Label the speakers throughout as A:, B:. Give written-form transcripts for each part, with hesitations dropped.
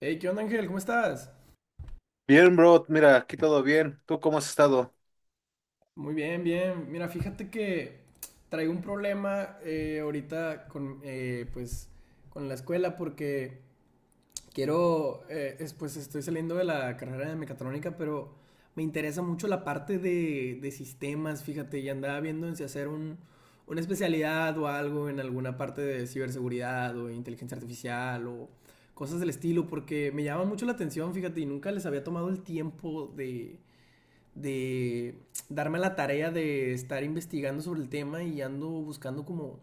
A: Hey, ¿qué onda, Ángel? ¿Cómo estás?
B: Bien, bro, mira, aquí todo bien. ¿Tú cómo has estado?
A: Muy bien, bien. Mira, fíjate que traigo un problema ahorita con la escuela porque quiero, pues estoy saliendo de la carrera de mecatrónica, pero me interesa mucho la parte de sistemas, fíjate, y andaba viendo en si hacer una especialidad o algo en alguna parte de ciberseguridad o inteligencia artificial o cosas del estilo, porque me llama mucho la atención, fíjate, y nunca les había tomado el tiempo de darme la tarea de estar investigando sobre el tema y ando buscando como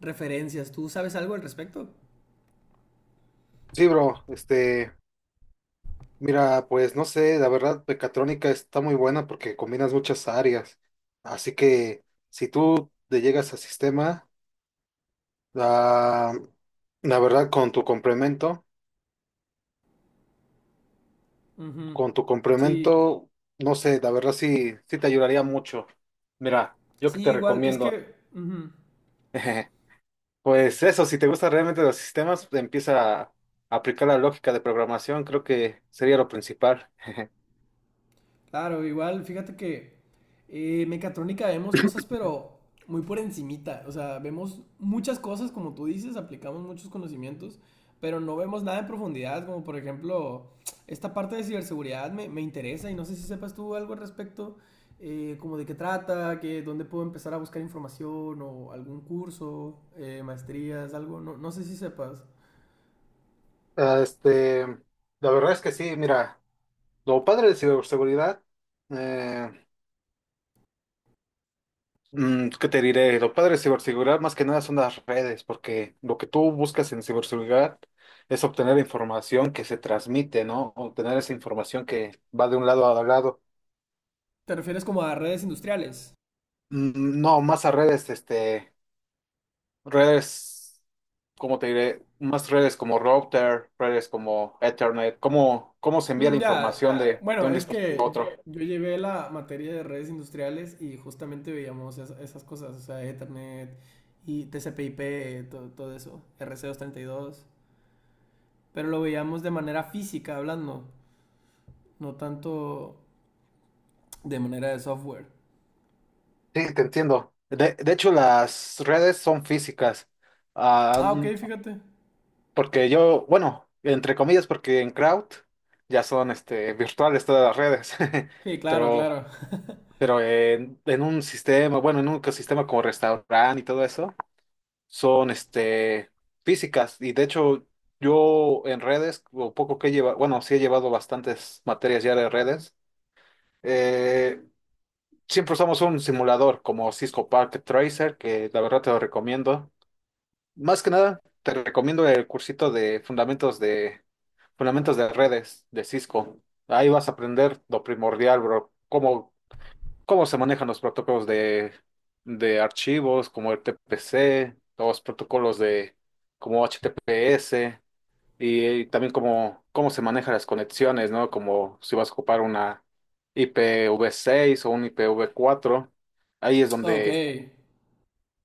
A: referencias. ¿Tú sabes algo al respecto?
B: Sí, bro, mira, pues no sé, la verdad, Pecatrónica está muy buena porque combinas muchas áreas. Así que si tú te llegas a sistema, la, la verdad, con tu complemento,
A: Ujú.
B: con tu
A: Sí.
B: complemento, no sé, la verdad sí, sí te ayudaría mucho. Mira, yo que
A: Sí,
B: te
A: igual, es
B: recomiendo.
A: que ujú.
B: Pues eso, si te gustan realmente los sistemas, empieza a aplicar la lógica de programación, creo que sería lo principal.
A: Claro, igual, fíjate que mecatrónica vemos cosas, pero muy por encimita. O sea, vemos muchas cosas, como tú dices, aplicamos muchos conocimientos, pero no vemos nada en profundidad, como por ejemplo, esta parte de ciberseguridad me interesa y no sé si sepas tú algo al respecto, como de qué trata, que dónde puedo empezar a buscar información o algún curso, maestrías, algo, no, no sé si sepas.
B: Ah, Este, la verdad es que sí, mira, lo padre de ciberseguridad, eh, ¿qué te diré? Lo padre de ciberseguridad más que nada son las redes, porque lo que tú buscas en ciberseguridad es obtener información que se transmite, ¿no? Obtener esa información que va de un lado a lado.
A: ¿Te refieres como a redes industriales?
B: No, más a redes, redes, ¿cómo te diré? Más redes como router, redes como Ethernet, ¿ cómo se envía la
A: Mm, ya,
B: información de
A: bueno,
B: un
A: es
B: dispositivo a
A: que yo,
B: otro?
A: llevé la materia de redes industriales y justamente veíamos esas cosas, o sea, Ethernet y TCP/IP, todo, eso, RC232, pero lo veíamos de manera física hablando, no tanto de manera de software.
B: Sí, te entiendo. De hecho, las redes son físicas. Ah,
A: Ah, ok,
B: mm,
A: fíjate.
B: porque yo, bueno, entre comillas, porque en Crowd ya son virtuales todas las redes.
A: Sí, claro,
B: Pero,
A: claro.
B: pero en un sistema, bueno, en un ecosistema como restaurante y todo eso, son físicas. Y de hecho, yo en redes, lo poco que he llevado, bueno, sí he llevado bastantes materias ya de redes. Eh, siempre usamos un simulador como Cisco Packet Tracer, que la verdad te lo recomiendo. Más que nada, te recomiendo el cursito de fundamentos de redes de Cisco. Ahí vas a aprender lo primordial, bro, cómo se manejan los protocolos de archivos, como el TPC, los protocolos de como HTTPS, y también cómo se manejan las conexiones, ¿no? Como si vas a ocupar una IPv6 o un IPv4. Ahí es
A: Ok,
B: donde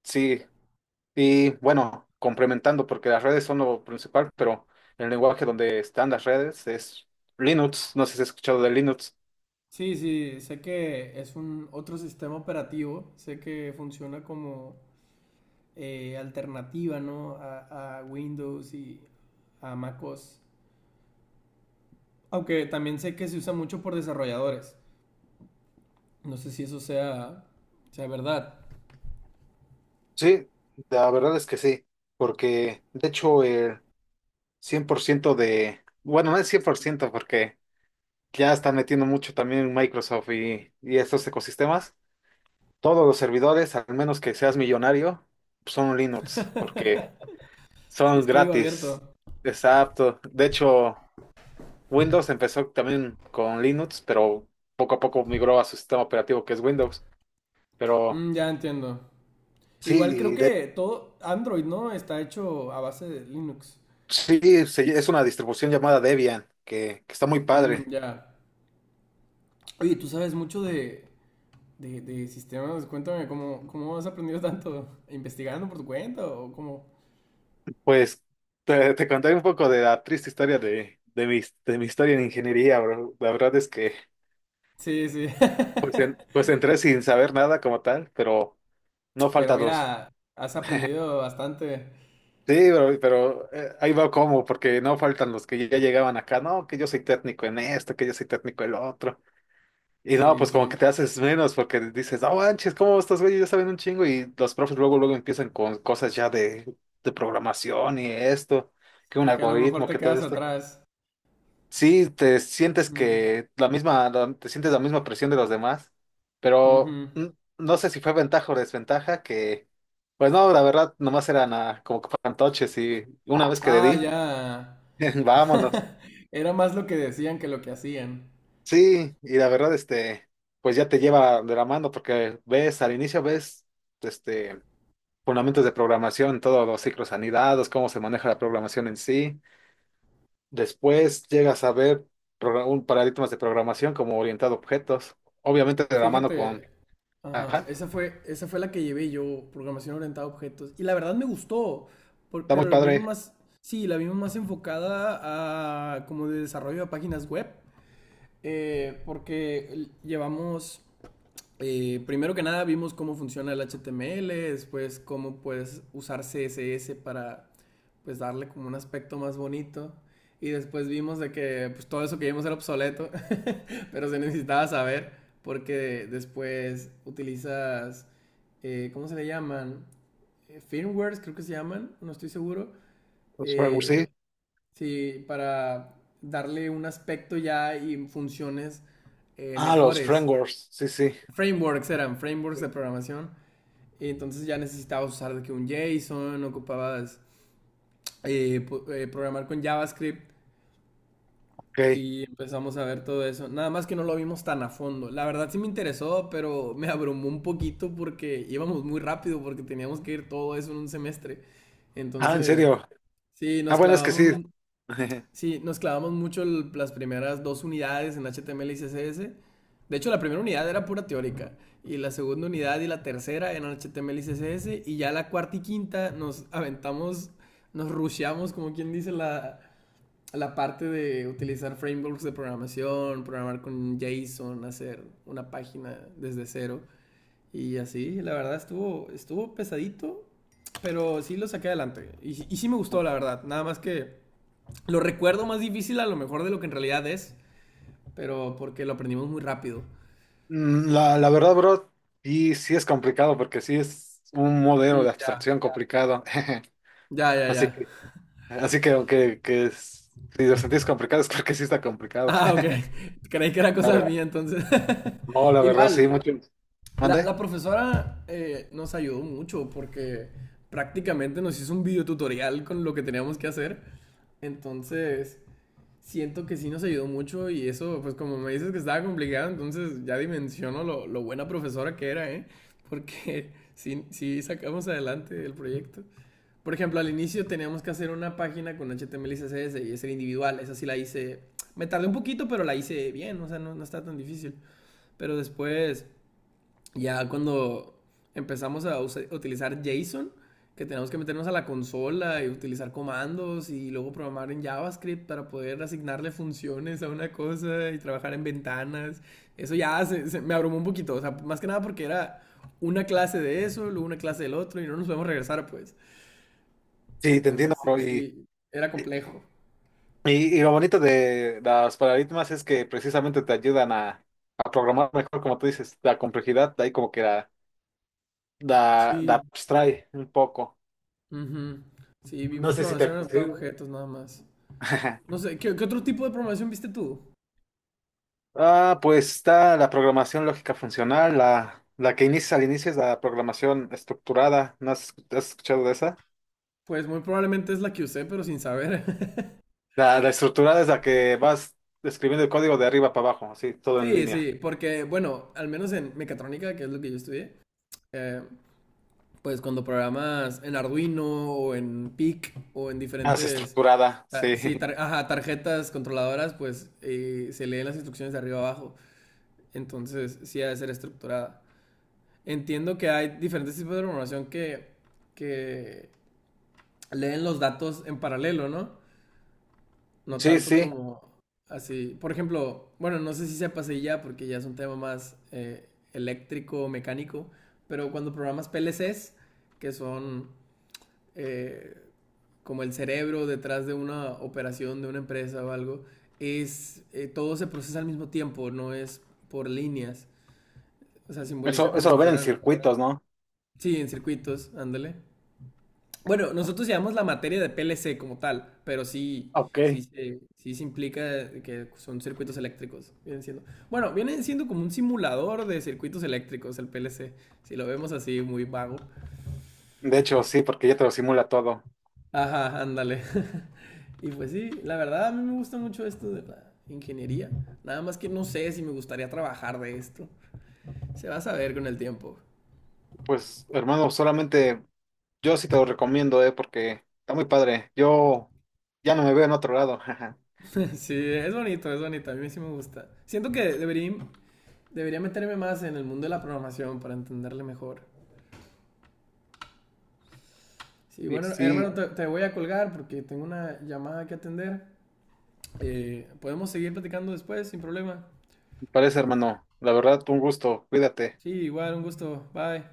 B: sí. Y bueno, complementando, porque las redes son lo principal, pero el lenguaje donde están las redes es Linux. No sé si has escuchado de Linux.
A: sí, sí, sé que es un otro sistema operativo, sé que funciona como alternativa, ¿no? A Windows y, a MacOS. Aunque también sé que se usa mucho por desarrolladores. No sé si eso sea, verdad.
B: Sí, la verdad es que sí. Porque, de hecho, el 100% de, bueno, no es 100% porque ya están metiendo mucho también Microsoft y estos ecosistemas, todos los servidores, al menos que seas millonario, son Linux, porque
A: Si
B: son
A: es código abierto.
B: gratis. Exacto. De hecho, Windows empezó también con Linux, pero poco a poco migró a su sistema operativo que es Windows. Pero
A: Mm, ya entiendo. Igual
B: sí,
A: creo
B: y de-
A: que todo Android, ¿no? Está hecho a base de Linux.
B: es una distribución llamada Debian, que está muy
A: Mm,
B: padre.
A: ya. Oye, tú sabes mucho de, de sistemas. Cuéntame, ¿cómo, has aprendido tanto? ¿Investigando por tu cuenta o cómo?
B: Pues te contaré un poco de la triste historia de mi historia en ingeniería, bro. La verdad es que
A: Sí, sí.
B: pues entré sin saber nada como tal, pero no
A: Pero
B: faltan los.
A: mira, has aprendido bastante.
B: Sí, pero, ahí va como, porque no faltan los que ya llegaban acá, no, que yo soy técnico en esto, que yo soy técnico en lo otro. Y no,
A: Sí,
B: pues como que
A: sí.
B: te haces menos porque dices, no manches, ¿cómo estos güeyes ya saben un chingo? Y los profes luego, luego empiezan con cosas ya de programación y esto, que un
A: Y que a lo mejor
B: algoritmo,
A: te
B: que todo
A: quedas
B: esto.
A: atrás.
B: Sí, te sientes
A: Ujú,
B: que la misma, te sientes la misma presión de los demás, pero
A: ujú.
B: no sé si fue ventaja o desventaja que, pues no, la verdad, nomás eran como que fantoches y una vez que le
A: Ah,
B: di,
A: ya.
B: vámonos.
A: Era más lo que decían que lo que hacían.
B: Sí, y la verdad, pues ya te lleva de la mano porque ves, al inicio ves, este, fundamentos de programación, todos los ciclos anidados, cómo se maneja la programación en sí. Después llegas a ver un paradigmas de programación como orientado a objetos, obviamente de la mano
A: Fíjate,
B: con...
A: ajá,
B: Ajá,
A: esa fue la que llevé yo, programación orientada a objetos. Y la verdad me gustó,
B: está muy
A: pero la vimos
B: padre.
A: más, sí, la vimos más enfocada a como de desarrollo de páginas web, porque llevamos primero que nada vimos cómo funciona el HTML, después cómo puedes usar CSS para pues darle como un aspecto más bonito y después vimos de que pues, todo eso que vimos era obsoleto, pero se necesitaba saber porque después utilizas, ¿cómo se le llaman? Firmwares creo que se llaman, no estoy seguro.
B: Los frameworks,
A: Eh,
B: sí.
A: sí, para darle un aspecto ya y funciones
B: Ah, los
A: mejores.
B: frameworks, sí, sí.
A: Frameworks eran, frameworks de programación y entonces ya necesitabas usar de que un JSON, ocupabas eh, programar con JavaScript
B: Ok.
A: y empezamos a ver todo eso. Nada más que no lo vimos tan a fondo. La verdad sí me interesó, pero me abrumó un poquito porque íbamos muy rápido porque teníamos que ir todo eso en un semestre.
B: Ah, ¿en
A: Entonces,
B: serio?
A: sí,
B: Ah,
A: nos
B: bueno, es que sí.
A: clavamos sí, nos clavamos mucho las primeras dos unidades en HTML y CSS. De hecho, la primera unidad era pura teórica y la segunda unidad y la tercera eran HTML y CSS y ya la cuarta y quinta nos aventamos, nos rusheamos, como quien dice, la, parte de utilizar frameworks de programación, programar con JSON, hacer una página desde cero y así. La verdad estuvo, pesadito, pero sí lo saqué adelante y, sí me gustó, la verdad. Nada más que. Lo recuerdo más difícil a lo mejor de lo que en realidad es, pero porque lo aprendimos muy rápido.
B: La, la verdad, bro, sí, sí es complicado porque sí es un modelo
A: Mm,
B: de
A: ya,
B: abstracción complicado.
A: ya, ya, ya.
B: Así que, así que si lo sentís complicado es porque sí está complicado.
A: Ah, ok. Creí que era
B: A
A: cosa
B: ver,
A: mía entonces.
B: no, la verdad,
A: Igual,
B: sí, mucho.
A: la,
B: ¿Mande?
A: profesora nos ayudó mucho porque prácticamente nos hizo un videotutorial con lo que teníamos que hacer. Entonces, siento que sí nos ayudó mucho y eso, pues como me dices que estaba complicado, entonces ya dimensiono lo, buena profesora que era, ¿eh? Porque sí, sí sacamos adelante el proyecto. Por ejemplo, al inicio teníamos que hacer una página con HTML y CSS y ser individual. Esa sí la hice. Me tardé un poquito, pero la hice bien. O sea, no, no está tan difícil. Pero después, ya cuando empezamos a utilizar JSON, que tenemos que meternos a la consola y utilizar comandos y luego programar en JavaScript para poder asignarle funciones a una cosa y trabajar en ventanas. Eso ya me abrumó un poquito, o sea, más que nada porque era una clase de eso, luego una clase del otro y no nos podemos regresar, pues.
B: Sí, te
A: Entonces,
B: entiendo,
A: sí,
B: bro.
A: sí, era complejo.
B: Y lo bonito de las paradigmas es que precisamente te ayudan a programar mejor, como tú dices, la complejidad, de ahí como que la
A: Sí,
B: abstrae un poco.
A: ujú. Sí,
B: No
A: vimos
B: sé si te...
A: programación adaptada a objetos nada más. No sé, ¿qué otro tipo de programación viste tú?
B: Ah, pues está la programación lógica funcional, la que inicia al inicio es la programación estructurada, ¿no has, has escuchado de esa?
A: Pues muy probablemente es la que usé, pero sin saber.
B: La estructurada es la que vas escribiendo el código de arriba para abajo, así, todo en
A: Sí,
B: línea.
A: sí, porque, bueno, al menos en mecatrónica, que es lo que yo estudié, eh, pues cuando programas en Arduino o en PIC o en
B: Ah, es
A: diferentes,
B: estructurada, sí.
A: sí, ajá, tarjetas controladoras, pues se leen las instrucciones de arriba abajo. Entonces, sí ha de ser estructurada. Entiendo que hay diferentes tipos de programación que leen los datos en paralelo, ¿no? No
B: Sí,
A: tanto
B: sí,
A: como así. Por ejemplo, bueno, no sé si se pase ya porque ya es un tema más eléctrico, mecánico, pero cuando programas PLCs, que son eh, como el cerebro detrás de una operación de una empresa o algo, es todo se procesa al mismo tiempo, no es por líneas. O sea, simboliza como
B: eso
A: si
B: lo ven en
A: fueran,
B: circuitos, ¿no?
A: sí, en circuitos, ándale. Bueno, nosotros llevamos la materia de PLC como tal, pero sí, sí,
B: Ok.
A: se implica que son circuitos eléctricos, vienen siendo. Bueno, vienen siendo como un simulador de circuitos eléctricos el PLC, si lo vemos así muy vago.
B: De hecho, sí, porque ya te lo simula todo.
A: Ajá, ándale. Y pues sí, la verdad a mí me gusta mucho esto de la ingeniería. Nada más que no sé si me gustaría trabajar de esto. Se va a saber con el tiempo.
B: Pues, hermano, solamente yo sí te lo recomiendo, porque está muy padre. Yo ya no me veo en otro lado. Jaja.
A: Sí, es bonito, a mí sí me gusta. Siento que debería, meterme más en el mundo de la programación para entenderle mejor. Sí,
B: Y
A: bueno,
B: sí,
A: hermano, te, voy a colgar porque tengo una llamada que atender. Podemos seguir platicando después, sin problema.
B: me parece, hermano. La verdad, un gusto. Cuídate.
A: Sí, igual, un gusto. Bye.